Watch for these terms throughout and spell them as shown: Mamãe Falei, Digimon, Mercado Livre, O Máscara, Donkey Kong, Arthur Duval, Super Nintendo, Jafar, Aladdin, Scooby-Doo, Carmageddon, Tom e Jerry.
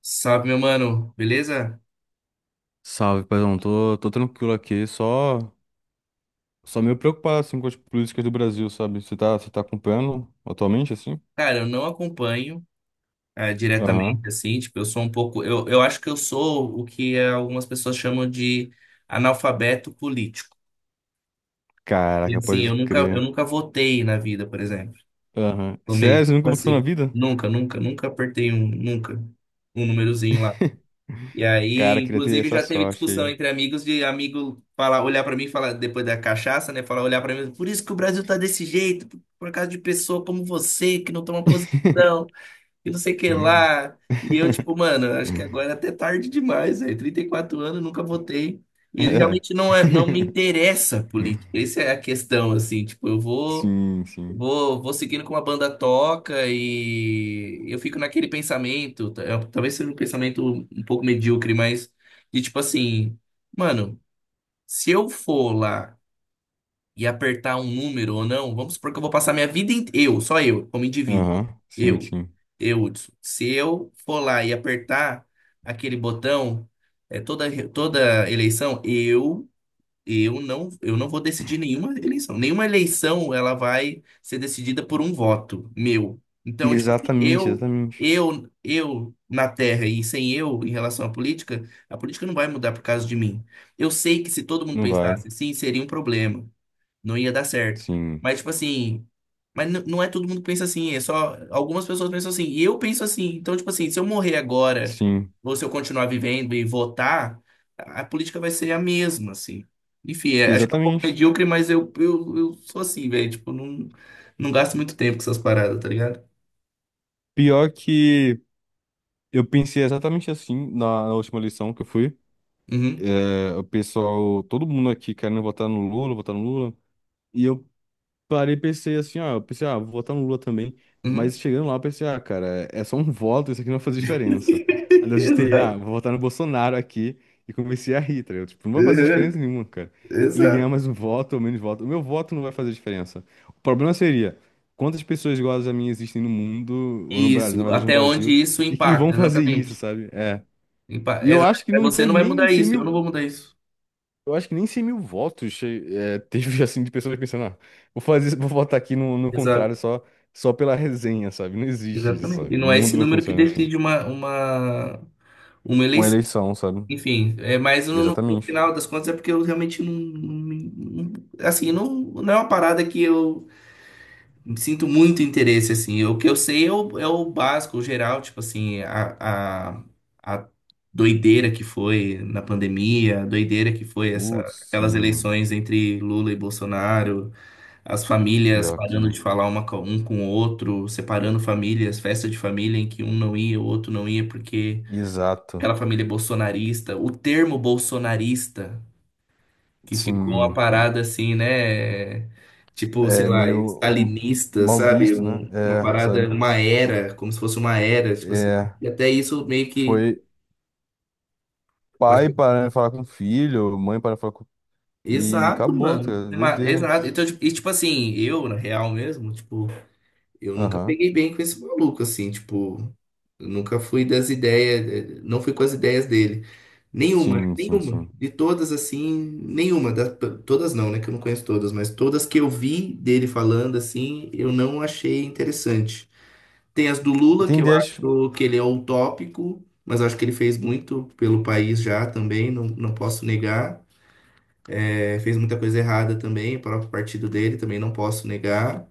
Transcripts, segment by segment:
Salve, meu mano, beleza? Salve, paizão. Tô tranquilo aqui, só meio preocupado assim, com as políticas do Brasil, sabe? Você tá acompanhando atualmente, assim? Cara, eu não acompanho Aham. diretamente, assim, tipo, eu sou um pouco. Eu acho que eu sou o que algumas pessoas chamam de analfabeto político. E Caraca, assim, pode eu nunca, eu crer. nunca votei na vida, por exemplo. Aham. Tomei, Sério, você tipo nunca votou na assim, vida? nunca apertei um, nunca, um númerozinho lá. E Cara, aí, queria ter inclusive, essa já teve sorte discussão aí. entre amigos de amigo falar, olhar pra mim e falar, depois da cachaça, né? Falar, olhar pra mim, por isso que o Brasil tá desse jeito, por causa de pessoa como você, que não toma posição. E não sei o que lá. E eu, tipo, mano, acho que agora é até tarde demais, velho. 34 anos, nunca votei. E ele É. realmente não, é, não me interessa a política. Essa é a questão, assim, tipo, eu vou, Sim, sim. vou, vou seguindo com a banda toca e eu fico naquele pensamento, talvez seja um pensamento um pouco medíocre, mas de tipo assim, mano, se eu for lá e apertar um número ou não, vamos supor que eu vou passar minha vida inteira, eu, só eu, como indivíduo, Aham, sim, eu, sim. eu, Hudson. Se eu for lá e apertar aquele botão, é toda eleição, eu não vou decidir nenhuma eleição. Nenhuma eleição ela vai ser decidida por um voto meu. Então, tipo assim, Exatamente, eu exatamente. Eu, eu na Terra e sem eu em relação à política, a política não vai mudar por causa de mim. Eu sei que se todo mundo Não vai. pensasse assim, seria um problema, não ia dar certo. Sim, Mas, tipo assim, não é todo mundo que pensa assim, é só algumas pessoas pensam assim, e eu penso assim. Então, tipo assim, se eu morrer agora, sim. ou se eu continuar vivendo e votar, a política vai ser a mesma, assim. Enfim, acho que é um pouco Exatamente. medíocre, mas eu sou assim, velho. Tipo, não, não gasto muito tempo com essas paradas, tá ligado? Pior que. Eu pensei exatamente assim na última eleição que eu fui. Uhum, É, o pessoal, todo mundo aqui querendo votar no Lula, votar no Lula. E eu parei e pensei assim, ó, eu pensei, ah, vou votar no Lula também. uhum. Mas chegando lá, eu pensei, ah, cara, é só um voto, isso aqui não vai fazer diferença. Aí eu digitei, ah, Exato. vou votar no Bolsonaro aqui. E comecei a rir, tá ligado? Tipo, não vai fazer Uhum, diferença nenhuma, cara. Ele ganhar exato. mais um voto ou menos voto. O meu voto não vai fazer diferença. O problema seria quantas pessoas iguais a mim existem no mundo, ou no Brasil, na Isso, verdade no até onde Brasil, isso e que vão impacta, fazer isso, exatamente. sabe? É. Impa- E eu exa- acho que não Você não teve vai nem mudar cem isso, eu não mil. vou mudar isso. Eu acho que nem 100.000 votos teve, assim, de pessoas pensando, ah, vou fazer, vou votar aqui no Exato, contrário só, só pela resenha, sabe? Não existe isso, exatamente. E sabe? O não é esse mundo não número que funciona assim. decide uma Uma eleição. eleição, sabe? Enfim, mas no Exatamente. final das contas é porque eu realmente não, assim, não, não é uma parada que eu sinto muito interesse, assim. O que eu sei é o básico, o geral, tipo assim, a doideira que foi na pandemia, a doideira que foi essa, Putz, aquelas sim. eleições entre Lula e Bolsonaro. As famílias Pior parando que. de falar uma com um com o outro, separando famílias, festa de família em que um não ia, o outro não ia, porque aquela Exato. família é bolsonarista. O termo bolsonarista, que ficou uma Sim. parada assim, né? Tipo, sei É lá, meio m- stalinista, Mal sabe? visto, né? Uma É, parada, sabe? uma era, como se fosse uma era. Tipo assim, É. e até isso meio que. Foi pai pode- parando de falar com o filho, mãe parando de falar com. E Exato, acabou, tá mano. ligado? Doideira. Exato. Então, e tipo assim, eu, na real mesmo, tipo. Eu nunca Aham. peguei bem com esse maluco, assim, tipo, eu nunca fui das ideias, não fui com as ideias dele. Nenhuma, Sim, sim, nenhuma. sim. De todas, assim, nenhuma. Todas não, né? Que eu não conheço todas, mas todas que eu vi dele falando, assim, eu não achei interessante. Tem as do Lula, Tem que eu ideias, acho que ele é utópico, mas eu acho que ele fez muito pelo país já também, não, não posso negar. Fez muita coisa errada também, o próprio partido dele também não posso negar.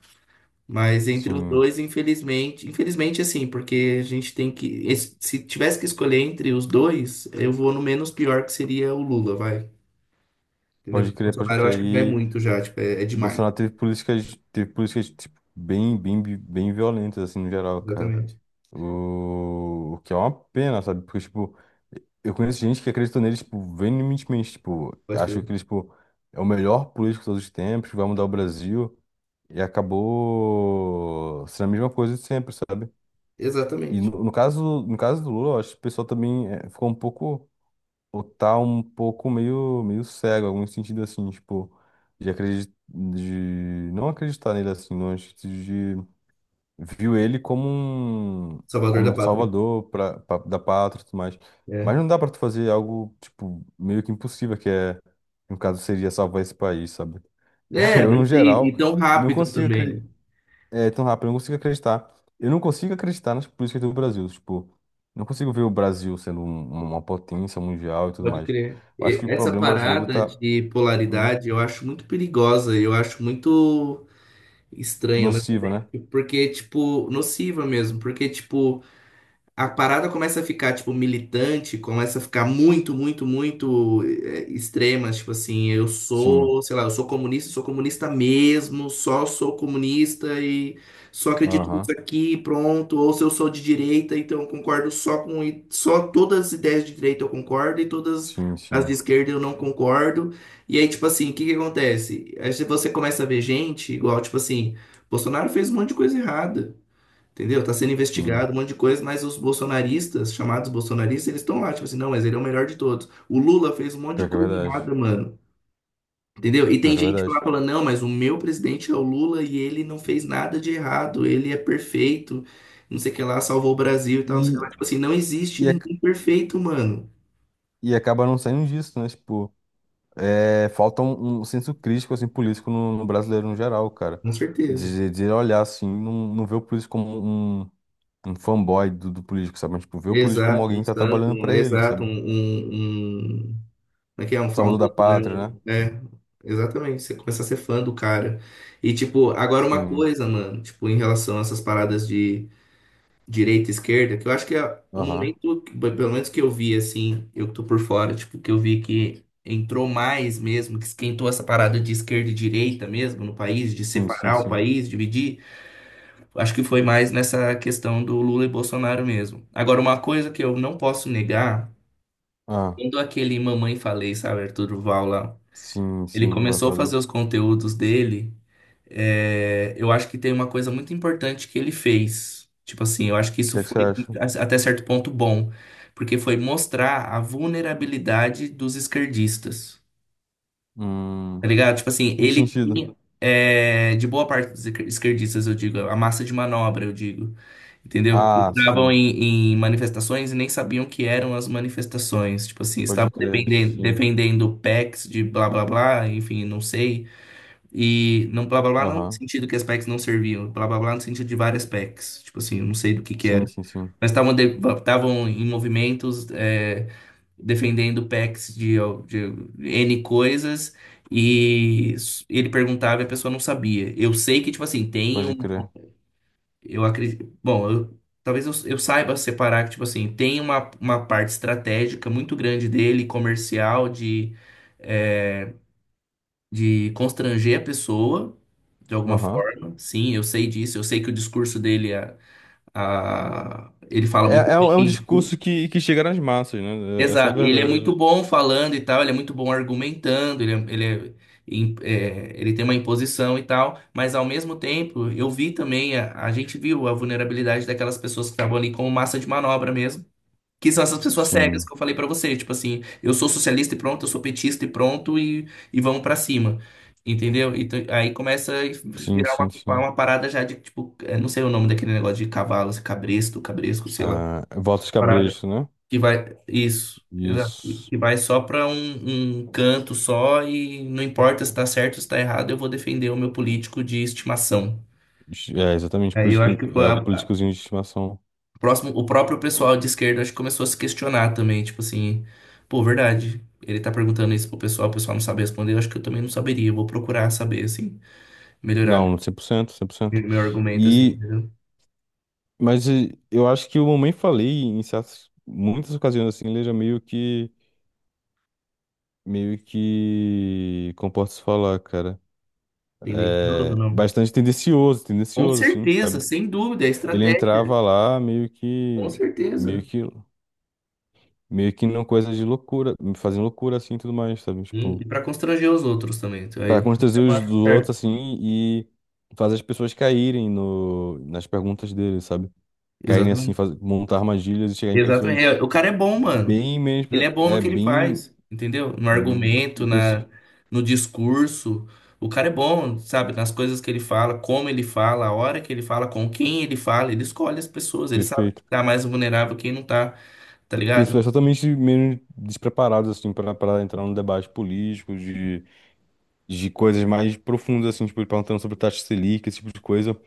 Mas entre os sim, dois, infelizmente assim, porque a gente tem que, se tivesse que escolher entre os dois, eu vou no menos pior que seria o Lula, vai. Entendeu? pode O crer, pode Bolsonaro eu acho crer. que já é E muito já, tipo, é o demais. Bolsonaro teve políticas tipo, bem, bem, bem violentas, assim, no geral, cara. Exatamente. O que é uma pena, sabe? Porque, tipo, eu conheço gente que acreditou nele, tipo, veementemente, tipo, Pode achou que ele, crer. tipo, é o melhor político de todos os tempos, vai mudar o Brasil, e acabou sendo a mesma coisa de sempre, sabe? E Exatamente. no caso, no caso do Lula, eu acho que o pessoal também ficou um pouco. Ou tá um pouco meio, meio cego, algum sentido assim, tipo, de acreditar, de não acreditar nele assim, não, acho de viu ele Salvador como um da pátria. salvador pra, da pátria e tudo mais. Mas É. não dá pra tu fazer algo, tipo, meio que impossível, que é, no caso, seria salvar esse país, sabe? É, Eu, não no sei, e geral, tão não rápido consigo também. acreditar. É tão rápido, eu não consigo acreditar. Eu não consigo acreditar nas políticas do Brasil. Tipo, não consigo ver o Brasil sendo um, uma potência mundial e tudo Pode mais. crer. Eu acho E- que o Essa problema brasileiro parada tá de hum, polaridade eu acho muito perigosa, eu acho muito estranha, ao mesmo nociva, né? tempo, porque, tipo, nociva mesmo, porque, tipo, a parada começa a ficar, tipo, militante, começa a ficar muito, muito, muito extrema, tipo assim, eu Sim. sou, sei lá, eu sou comunista mesmo, só sou comunista e só acredito nisso Aham. aqui, pronto, ou se eu sou de direita, então eu concordo só com, só todas as ideias de direita eu concordo e todas Sim, as de sim. esquerda eu não concordo. E aí, tipo assim, o que que acontece? Aí você começa a ver gente, igual, tipo assim, Bolsonaro fez um monte de coisa errada. Entendeu? Tá sendo Sim. investigado, um monte de coisa, mas os bolsonaristas, chamados bolsonaristas, eles estão lá, tipo assim, não, mas ele é o melhor de todos. O Lula fez um monte de Pior que é coisa verdade. errada, mano. Entendeu? E Pior tem que é gente verdade. lá falando, não, mas o meu presidente é o Lula e ele não fez nada de errado, ele é perfeito, não sei o que lá, salvou o Brasil e tal, não sei o E, que lá. Tipo assim, não existe e, ac- ninguém perfeito, mano. e acaba não saindo disso, né? Tipo, é, falta um, um senso crítico, assim, político no brasileiro no geral, cara. Com certeza. De olhar, assim, não, não ver o político como um um fanboy do político, sabe? Mas, tipo, ver o político como Exato, alguém um que tá santo, trabalhando pra ele, exato, um, sabe? um, um, como é que é? Salvador da pátria, né? É, exatamente. Você começa a ser fã do cara. E, tipo, agora uma Sim. coisa, mano, tipo, em relação a essas paradas de direita e esquerda, que eu acho que é o Aham. momento, pelo menos que eu vi, assim, eu que tô por fora, tipo, que eu vi que entrou mais mesmo, que esquentou essa parada de esquerda e direita mesmo no país, de Sim, sim, separar o sim. país, dividir. Acho que foi mais nessa questão do Lula e Bolsonaro mesmo. Agora, uma coisa que eu não posso negar, Ah, quando aquele Mamãe Falei, sabe, Arthur Duval lá. sim, sim, Ele mas eu começou a falei. fazer O os conteúdos dele. Eu acho que tem uma coisa muito importante que ele fez. Tipo assim, eu acho que isso que é que você foi acha? Até certo ponto bom, porque foi mostrar a vulnerabilidade dos esquerdistas. Tá Hum, ligado? Tipo assim, em que ele sentido? tinha, de boa parte dos esquerdistas, eu digo, a massa de manobra, eu digo, entendeu? Ah, Estavam sim. em manifestações e nem sabiam o que eram as manifestações. Tipo assim, Pode estavam crer, dependendo, sim. defendendo PECs de blá blá blá, enfim, não sei. E não blá blá blá não no Aham. sentido que as packs não serviam, blá blá blá no sentido de várias packs. Tipo assim, eu não sei do que Sim, era. sim, sim. Mas estavam estavam em movimentos defendendo packs de N coisas e ele perguntava e a pessoa não sabia. Eu sei que, tipo assim, tem Pode um. crer. Eu acredito. Bom, talvez eu saiba separar que, tipo assim, tem uma parte estratégica muito grande dele, comercial, de. eh, de constranger a pessoa de alguma Aham. forma. Sim, eu sei disso, eu sei que o discurso dele é, ele fala muito É, é um bem. discurso que chega nas massas, né? É- essa é a Exato. Ele é verdade. muito bom falando e tal, ele é muito bom argumentando, ele é- im- é, ele tem uma imposição e tal, mas ao mesmo tempo eu vi também, a gente viu a vulnerabilidade daquelas pessoas que estavam ali como massa de manobra mesmo. Que são essas pessoas cegas Sim, que eu falei pra você, tipo assim, eu sou socialista e pronto, eu sou petista e pronto, e vamos pra cima. Entendeu? Então, aí começa a sim, virar sim, uma, sim. uma parada já de, tipo, não sei o nome daquele negócio de cavalo, assim, cabresto, cabresco, sei lá. Ah, votos Parada. cabresto, né? Que vai. Isso, exato. Isso. Que vai só pra um canto só e não importa se tá certo ou se tá errado, eu vou defender o meu político de estimação. É, exatamente, Aí eu acho que foi é, a, políticozinho de estimação. O próximo, o próprio pessoal de esquerda acho que começou a se questionar também, tipo assim, pô, verdade. Ele tá perguntando isso pro pessoal, o pessoal não sabe responder, eu acho que eu também não saberia, eu vou procurar saber, assim, melhorar Não, 100% 100%. meu argumento, assim, E, entendeu? mas e, eu acho que o Mamãe Falei, em certas, muitas ocasiões, assim, ele já meio que, como posso falar, cara, Tendencioso, é, não? bastante tendencioso, Com tendencioso, assim, certeza, sabe? sem dúvida, é Ele estratégia, entrava lá meio com que, meio certeza. que, meio que numa coisa de loucura, fazendo loucura, assim, e tudo mais, sabe? Hum, Tipo, E pra constranger os outros também, para Então, constranger eu os acho dos certo. outros, assim, e fazer as pessoas caírem no, nas perguntas dele, sabe? Caírem, assim, Exatamente. faz, montar armadilhas e chegar em Exatamente. pessoas É, o cara é bom, mano. bem menos. Ele Pra, é bom no é, que ele bem. faz, entendeu? No Hum, argumento, isso, no discurso. O cara é bom, sabe? Nas coisas que ele fala, como ele fala, a hora que ele fala, com quem ele fala. Ele escolhe as pessoas. Ele sabe quem perfeito. tá mais vulnerável, quem não tá, tá ligado? Pessoas totalmente menos despreparadas, assim, para para entrar no debate político, de coisas mais profundas, assim, tipo, ele perguntando sobre taxa Selic, esse tipo de coisa.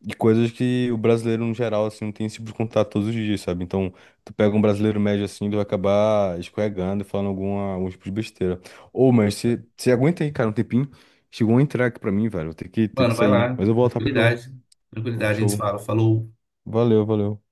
E coisas que o brasileiro, no geral, assim, não tem esse tipo de contato todos os dias, sabe? Então, tu pega um brasileiro médio assim, ele vai acabar escorregando e falando alguma, algum tipo de besteira. Ô, mas você aguenta aí, cara, um tempinho. Chegou um entregue pra mim, velho. Vou ter ter que Mano, vai sair. lá. Mas eu volto rapidão. Tranquilidade. Tranquilidade. A gente Show. fala. Falou. Valeu, valeu.